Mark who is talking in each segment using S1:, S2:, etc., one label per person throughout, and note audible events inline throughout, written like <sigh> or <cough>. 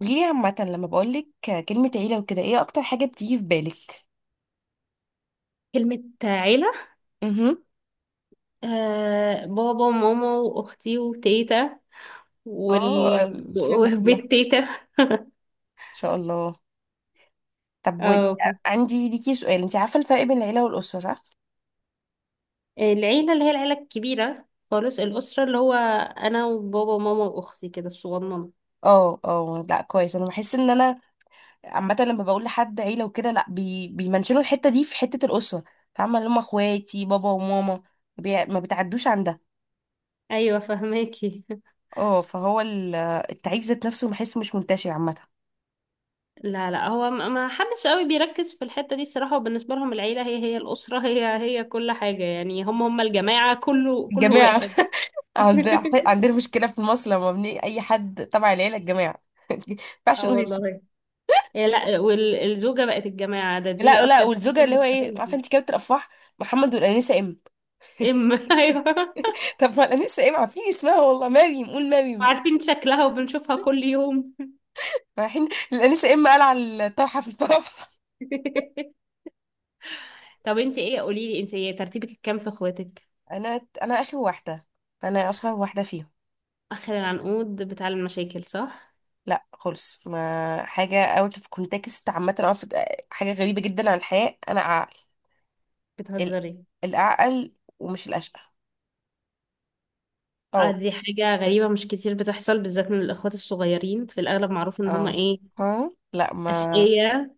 S1: قوليلي عامة لما بقولك كلمة عيلة وكده ايه أكتر حاجة بتيجي في بالك؟
S2: كلمة عيلة.
S1: مهم.
S2: آه، بابا وماما وأختي وتيتا
S1: اه
S2: وال...
S1: الشلة
S2: <laughs>
S1: كلها ان
S2: وبيت تيتا.
S1: شاء الله. طب
S2: اه،
S1: عندي ليكي سؤال، انت عارفة الفرق بين العيلة والأسرة صح؟
S2: العيلة اللي هي العيلة الكبيرة خالص، الأسرة اللي هو أنا وبابا وماما وأختي كده الصغننة.
S1: اه، اه، لا كويس، انا بحس ان انا عامة لما بقول لحد عيلة وكده، لا بيمنشنوا الحتة دي في حتة الأسرة، فاهمة؟ اللي هم اخواتي بابا وماما، ما بتعدوش عن ده.
S2: أيوة، فهماكي. <laughs>
S1: اه، التعريف ذات نفسه بحسه مش منتشر عامة.
S2: لا لا، هو ما حدش قوي بيركز في الحتة دي الصراحة، وبالنسبة لهم العيلة هي هي الأسرة، هي هي كل حاجة، يعني هم هم الجماعة كله كل
S1: الجماعة.
S2: واحد.
S1: عند-
S2: <laughs>
S1: عندنا مشكلة في مصر لما بني أي حد تبع العيلة الجماعة. <laughs> ما ينفعش
S2: اه
S1: نقول اسم.
S2: والله. إيه لا، والزوجة بقت الجماعة، ده دي
S1: لا لا،
S2: أكتر حاجة
S1: والزوجة اللي هو ايه،
S2: مستفزة.
S1: عارفة انت كابتن الأفراح محمد والأنسة إم؟
S2: ام، <laughs> ايوه.
S1: <laughs> طب ما الأنسة إم عارفين اسمها والله، مريم، قول مريم.
S2: عارفين شكلها وبنشوفها كل يوم.
S1: رايحين الأنسة إم، قال على الطرحة في الطرح. <laughs>
S2: <laughs> طب انت ايه، قولي لي انت إيه، ترتيبك الكام في اخواتك؟
S1: أنا آخر واحدة، أنا أصغر واحدة فيهم.
S2: اخر العنقود بتاع المشاكل، صح؟
S1: لا خالص، ما حاجة اوت اوف كونتكست عامة، حاجة غريبة جدا عن الحياة. أنا عقل، ال-
S2: بتهزري؟
S1: الأعقل ومش الأشقى.
S2: اه،
S1: اه،
S2: دي حاجة غريبة، مش كتير بتحصل، بالذات من الاخوات الصغيرين، في الاغلب معروف ان هما
S1: اه.
S2: ايه،
S1: ها لا ما
S2: اشقية.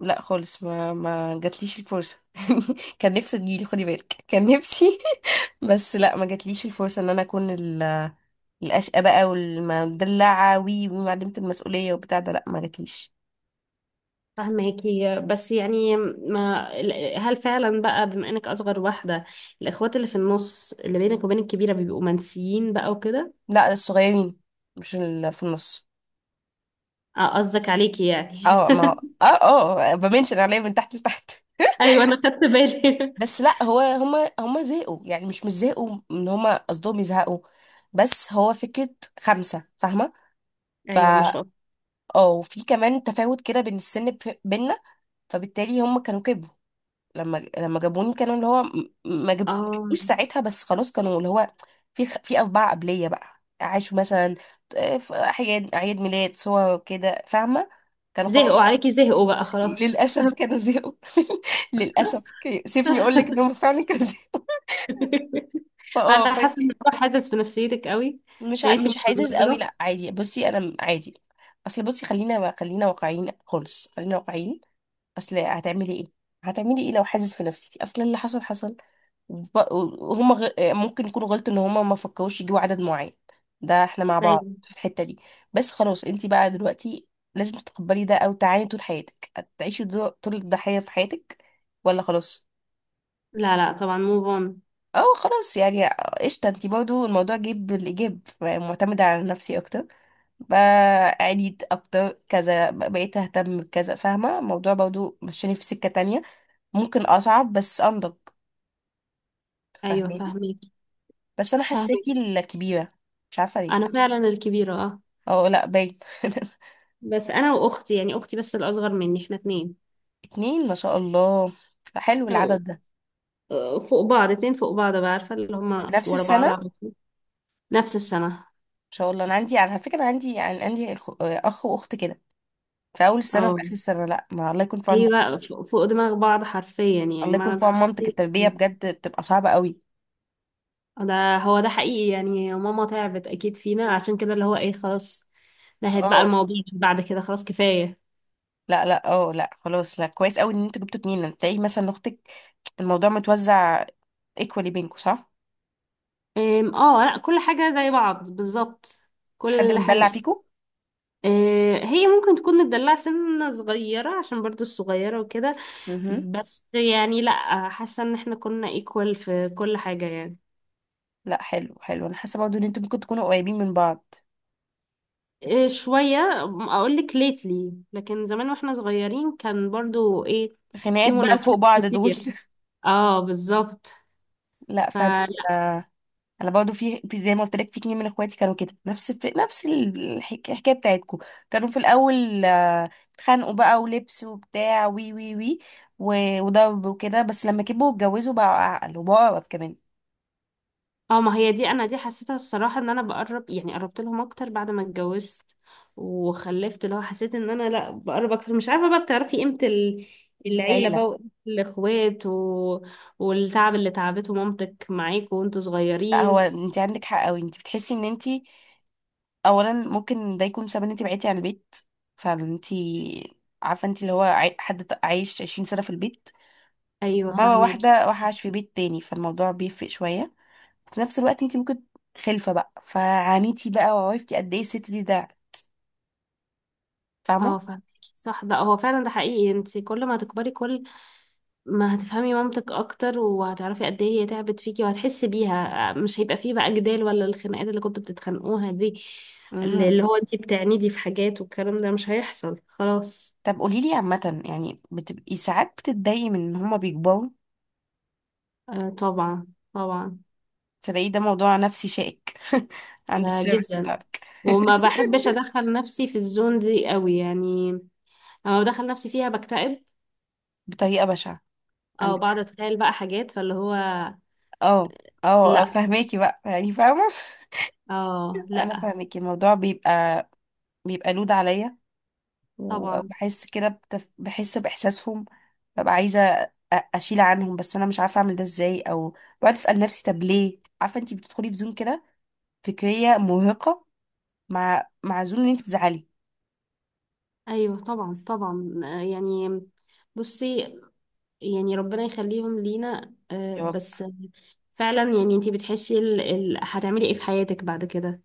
S1: لا خالص، ما جاتليش الفرصة. <laughs> كان نفسي تجيلي، خدي بالك، كان نفسي. <laughs> بس لا، ما جاتليش الفرصة ان انا اكون الاشقى بقى والمدلعة وي ومعلمة المسؤولية وبتاع ده. لا، ما جاتليش.
S2: فهماكي، بس يعني ما، هل فعلا بقى بما انك اصغر واحدة، الاخوات اللي في النص اللي بينك وبين الكبيرة بيبقوا منسيين بقى وكده؟
S1: لا، الصغيرين، مش ال- في النص.
S2: اه، قصدك عليكي يعني.
S1: اه، ما هو-
S2: <laughs>
S1: اه، اه، بمنشن عليا من تحت لتحت.
S2: ايوه انا خدت بالي.
S1: بس لا، هو هما زهقوا يعني، مش زهقوا ان هما قصدهم يزهقوا، بس هو فكرة خمسة، فاهمة؟ ف
S2: ايوه ما شاء الله.
S1: اه، وفي كمان تفاوت كده بين السن بينا، فبالتالي هم كانوا كبروا. لما جابوني كانوا اللي هو ما
S2: اه،
S1: جابوش ساعتها، بس خلاص كانوا اللي هو، في أطباع قبلية بقى عاشوا، مثلا آه، في أعياد، أعياد ميلاد، صور كده، فاهمة؟ كانوا
S2: زهقوا
S1: خلاص.
S2: عليكي، زهقوا بقى
S1: <laughs>
S2: خلاص.
S1: للأسف
S2: <laughs>
S1: كانوا زهقوا. <laughs> للأسف سيبني أقول لك إن هم فعلا كانوا <laughs> زهقوا.
S2: انا حاسه ان
S1: فأنتي.
S2: الموضوع حاسس في نفسيتك قوي.
S1: مش
S2: يعني
S1: ع-
S2: انتي
S1: مش حاسس قوي،
S2: متضرره؟
S1: لا عادي، بصي، أنا عادي. أصل بصي، خلينا واقعيين خالص، خلينا واقعيين. اصل هتعملي ايه؟ هتعملي ايه لو حاسس في نفسيتي؟ اصل اللي حصل حصل. وب- وهم ممكن يكونوا غلطوا ان هم ما فكروش يجيبوا عدد معين، ده احنا مع بعض
S2: ايوه.
S1: في الحتة دي. بس خلاص، انت بقى دلوقتي لازم تتقبلي ده او تعاني طول حياتك، هتعيشي طول الضحية في حياتك، ولا خلاص.
S2: لا لا طبعا، موف اون.
S1: اه خلاص يعني. قشطة، انت برضو الموضوع جيب بالايجاب، معتمدة على نفسي اكتر بقى، عانيت اكتر كذا، بقيت اهتم بكذا، فاهمة؟ الموضوع برضو مشاني في سكة تانية، ممكن اصعب بس انضج.
S2: ايوه
S1: فاهماني.
S2: فاهميكي.
S1: بس انا حاساكي
S2: فاهميكي.
S1: الكبيره، مش عارفه ليه.
S2: انا فعلا الكبيره، اه.
S1: اه لا باين. <laughs>
S2: بس انا واختي، يعني اختي بس الاصغر مني، احنا اتنين.
S1: اتنين، ما شاء الله، حلو
S2: أو
S1: العدد ده.
S2: آه، فوق بعض، اتنين فوق بعض بقى، عارفه اللي
S1: في
S2: هما
S1: نفس
S2: ورا
S1: السنه،
S2: بعض
S1: ما
S2: على طول. نفس السنه.
S1: شاء الله. انا عندي على فكره، أنا عندي يعني عندي اخ، أخ واخت كده، في اول السنه
S2: اه،
S1: وفي اخر السنه. لا ما، الله يكون في عون.
S2: هي بقى فوق فوق دماغ بعض حرفيا، يعني
S1: الله
S2: معنى
S1: يكون في عون مامتك،
S2: الحرفي.
S1: التربيه بجد بتبقى صعبه قوي.
S2: ده هو ده حقيقي، يعني ماما تعبت اكيد فينا، عشان كده اللي هو ايه، خلاص نهت بقى
S1: اه،
S2: الموضوع بعد كده، خلاص كفاية.
S1: لا لا، اه، لا خلاص، لا كويس قوي ان انتوا جبتوا اتنين، تلاقي مثلا اختك الموضوع متوزع ايكوالي بينكوا، صح؟
S2: اه لا، كل حاجة زي بعض بالظبط،
S1: مش حد
S2: كل
S1: متدلع
S2: حاجة.
S1: فيكوا.
S2: أه، هي ممكن تكون متدلعة سنة صغيرة، عشان برضو الصغيرة وكده،
S1: مهم.
S2: بس يعني لا، حاسة ان احنا كنا ايكوال في كل حاجة يعني.
S1: لا حلو حلو، انا حاسه برضه ان انتوا ممكن تكونوا قريبين من بعض.
S2: أه، شوية. اقولك ليتلي، لكن زمان واحنا صغيرين كان برضو ايه، في
S1: خناقات بقى لفوق
S2: مناوشات
S1: بعض دول.
S2: كتير. اه بالظبط.
S1: <laughs> لا فاهمه. انا، انا برضه في، زي ما قلت لك، في اتنين من اخواتي كانوا كده نفس، في نفس الحكايه بتاعتكم. كانوا في الاول آه، اتخانقوا بقى ولبس وبتاع وي وي وي، وضرب وكده، بس لما كبروا واتجوزوا بقوا اعقل وبقوا اقرب كمان.
S2: اه، ما هي دي، انا دي حسيتها الصراحه ان انا بقرب، يعني قربت لهم اكتر بعد ما اتجوزت وخلفت، اللي هو حسيت ان انا لا بقرب اكتر، مش عارفه بقى، بتعرفي قيمه العيله
S1: العيله.
S2: بقى وقيمة الاخوات والتعب اللي تعبته مامتك معاكوا وانتوا
S1: لا هو
S2: صغيرين.
S1: انت عندك حق قوي، انت بتحسي ان انت اولا ممكن ده يكون سبب ان انت بعدتي عن البيت، فانت عارفه انت اللي هو عايش 20 سنه في البيت،
S2: ايوه
S1: مره
S2: فاهماكي.
S1: واحده راح عاش في بيت تاني، فالموضوع بيفرق شويه. في نفس الوقت انت ممكن خلفه بقى، فعانيتي بقى وعرفتي قد ايه الست دي، ده فاهمه.
S2: اه فاهماكي. صح، ده هو فعلا ده حقيقي، انت كل ما تكبري كل ما هتفهمي مامتك اكتر، وهتعرفي قد ايه هي تعبت فيكي، وهتحسي بيها، مش هيبقى فيه بقى جدال ولا الخناقات اللي كنتوا بتتخانقوها دي، اللي
S1: مهم.
S2: اللي هو انتي بتعنيدي في حاجات والكلام ده، مش هيحصل خلاص.
S1: طب قولي لي عامه، يعني بتبقي ساعات بتتضايقي من ان هما بيكبروا؟
S2: آه طبعا طبعا.
S1: تلاقي ده موضوع نفسي شائك <laughs> عند
S2: ده
S1: السيرفس
S2: جدا.
S1: بتاعتك.
S2: وما
S1: <laughs>
S2: بحبش ادخل نفسي في الزون دي قوي يعني، لما بدخل نفسي فيها بكتئب،
S1: بطريقه بشعه،
S2: او
S1: عندك
S2: بقعد
S1: حق.
S2: اتخيل بقى حاجات فاللي هو.
S1: اه، اه، آه،
S2: لا،
S1: فهماكي بقى، يعني فاهمه.
S2: اه
S1: انا
S2: لا.
S1: فاهمك، الموضوع بيبقى، بيبقى لود عليا،
S2: طبعا.
S1: وبحس كده بحس باحساسهم، ببقى عايزه اشيل عنهم، بس انا مش عارفه اعمل ده ازاي، او بقعد اسال نفسي طب ليه؟ عارفه انت بتدخلي في زون كده فكريه مرهقه مع مع زون ان انت بتزعلي.
S2: ايوه طبعا طبعا، آه، يعني، بصي، يعني ربنا يخليهم لينا آه،
S1: يا رب.
S2: بس. فعلا يعني انتي بتحسي هتعملي ايه في حياتك بعد كده،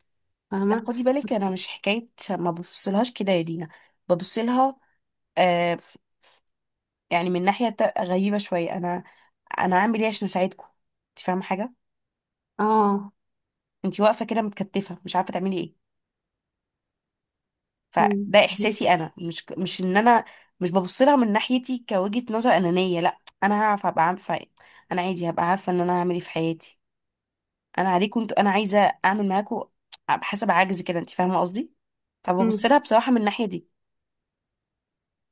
S1: لا
S2: فاهمة؟
S1: خدي بالك، انا مش حكايه ما ببصلهاش كده يا دينا، ببصلها، آه، يعني من ناحيه غريبه شويه، انا، انا هعمل ايه عشان اساعدكم؟ انت فاهمه حاجه؟
S2: اه.
S1: انت واقفه كده متكتفه، مش عارفه تعملي ايه،
S2: أمم.
S1: فده احساسي. انا مش، مش ان انا مش ببص لها من ناحيتي كوجهة نظر انانية، لا، انا هعرف، ابقى عارفة، انا عادي هبقى عارفة ان انا هعمل ايه في حياتي، انا عليكم انتوا انا عايزة اعمل معاكم حسب عجز كده، انت فاهمة قصدي؟ فببص
S2: أمم.
S1: لها بصراحة من الناحية دي.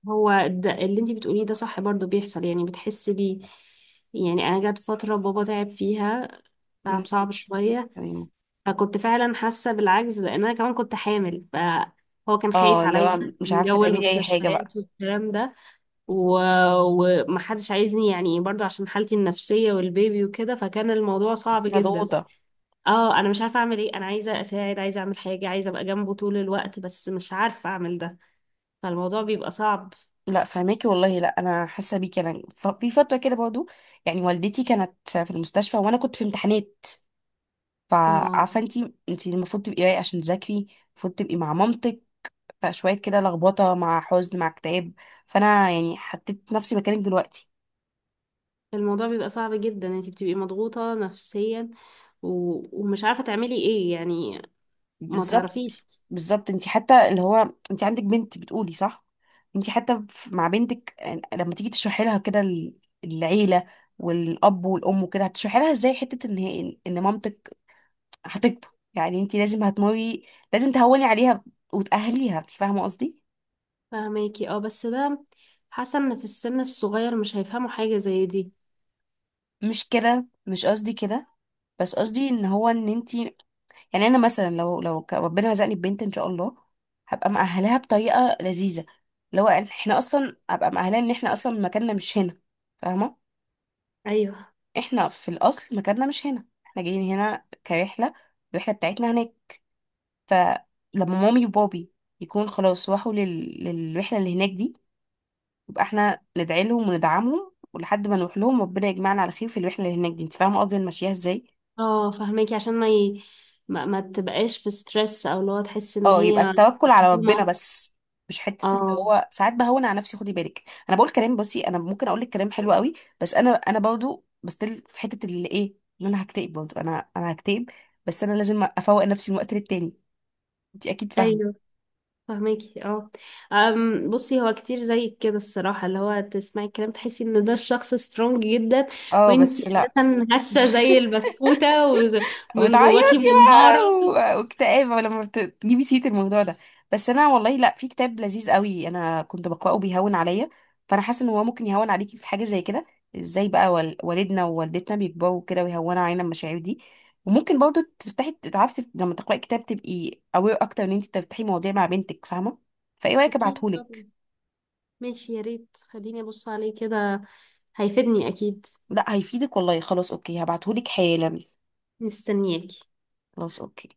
S2: هو ده اللي انتي بتقوليه، ده صح، برضو بيحصل يعني، بتحسي بيه. يعني انا جت فترة بابا تعب فيها،
S1: مم.
S2: تعب صعب شوية،
S1: تمام.
S2: فكنت فعلا حاسة بالعجز، لان انا كمان كنت حامل، فهو كان خايف
S1: اه، اللي
S2: عليا
S1: هو مش
S2: من
S1: عارفة
S2: جو
S1: تعملي اي حاجة بقى.
S2: المستشفيات والكلام ده، و... ومحدش عايزني يعني، برضو عشان حالتي النفسية والبيبي وكده، فكان الموضوع صعب
S1: انت
S2: جدا.
S1: مضغوطة.
S2: اه، انا مش عارفة اعمل ايه، انا عايزة اساعد، عايزة اعمل حاجة، عايزة ابقى جنبه طول الوقت، بس مش عارفة اعمل ده، فالموضوع بيبقى صعب.
S1: لا فهماكي والله، لا انا حاسة بيكي، انا في فترة كده برضو، يعني والدتي كانت في المستشفى وانا كنت في امتحانات،
S2: اه
S1: فعارفه انت، انت المفروض تبقي رايقه عشان تذاكري، المفروض تبقي مع مامتك، فشويه كده لخبطه مع حزن مع اكتئاب، فانا يعني حطيت نفسي مكانك دلوقتي.
S2: الموضوع بيبقى صعب جدا، انتي بتبقي مضغوطة نفسيا و... ومش عارفة تعملي ايه يعني. ما
S1: بالظبط.
S2: تعرفيش.
S1: بالظبط، انت حتى اللي هو انت عندك بنت، بتقولي صح، انت حتى مع بنتك آه، لما تيجي تشرحي لها كده العيله والاب والام وكده، هتشرحي لها ازاي حته ان هي ان مامتك هتكبر؟ يعني انت لازم هتمري، لازم تهوني عليها وتأهليها، انت فاهمه قصدي؟
S2: فهماكي اه، بس ده، حاسة ان في السن الصغير مش هيفهموا حاجة زي دي.
S1: مش كده، مش قصدي كده، بس قصدي ان هو ان انتي، يعني انا مثلا لو ربنا رزقني ببنت ان شاء الله، هبقى مأهلاها بطريقه لذيذه، لو إن احنا اصلا، هبقى مأهلاها ان احنا اصلا مكاننا مش هنا، فاهمه؟
S2: ايوه.
S1: احنا في الاصل مكاننا مش هنا، احنا جايين هنا كرحله، الرحله بتاعتنا هناك، فلما مامي وبابي يكون خلاص راحوا للرحله اللي هناك دي، يبقى احنا ندعي لهم وندعمهم ولحد ما نروح لهم ربنا يجمعنا على خير في الرحله اللي هناك دي، انت فاهمه قصدي أنا ماشياها ازاي؟
S2: اه فهماكي، عشان ما تبقاش في ستريس، او لو تحسي ان
S1: اه، يبقى
S2: هي
S1: التوكل على ربنا
S2: ضغمة.
S1: بس، مش حته اللي
S2: اه
S1: هو ساعات بهون على نفسي، خدي بالك، انا بقول كلام، بصي، انا ممكن اقول لك كلام حلو قوي، بس انا برضه بستل في حته اللي ايه، ان انا هكتئب برضه، انا هكتئب، بس انا لازم افوق نفسي من وقت للتاني، انت اكيد فاهمه.
S2: ايوه فهماكي اه. بصي، هو كتير زي كده الصراحة، اللي هو تسمعي الكلام تحسي ان ده الشخص سترونج جدا،
S1: اه
S2: وانتي
S1: بس لا،
S2: اساسا هشة زي البسكوتة ومن
S1: وتعيط
S2: جواكي
S1: لي بقى،
S2: منهارة.
S1: واكتئاب لما تجيبي سيرة الموضوع ده، بس انا والله، لا في كتاب لذيذ قوي انا كنت بقراه بيهون عليا، فانا حاسه ان هو ممكن يهون عليكي في حاجه زي كده، ازاي بقى والدنا ووالدتنا بيكبروا كده ويهونوا علينا المشاعر دي، وممكن برضو تفتحي تعرفي لما تقراي كتاب تبقي اوير اكتر، ان انت تفتحي مواضيع مع بنتك، فاهمه؟ فايه رايك
S2: اكيد طبعا.
S1: ابعتهولك؟
S2: ماشي، يا ريت خليني ابص عليه كده، هيفيدني اكيد.
S1: لا هيفيدك والله، خلاص اوكي هبعتهولك حالا.
S2: مستنياكي.
S1: خلاص اوكي.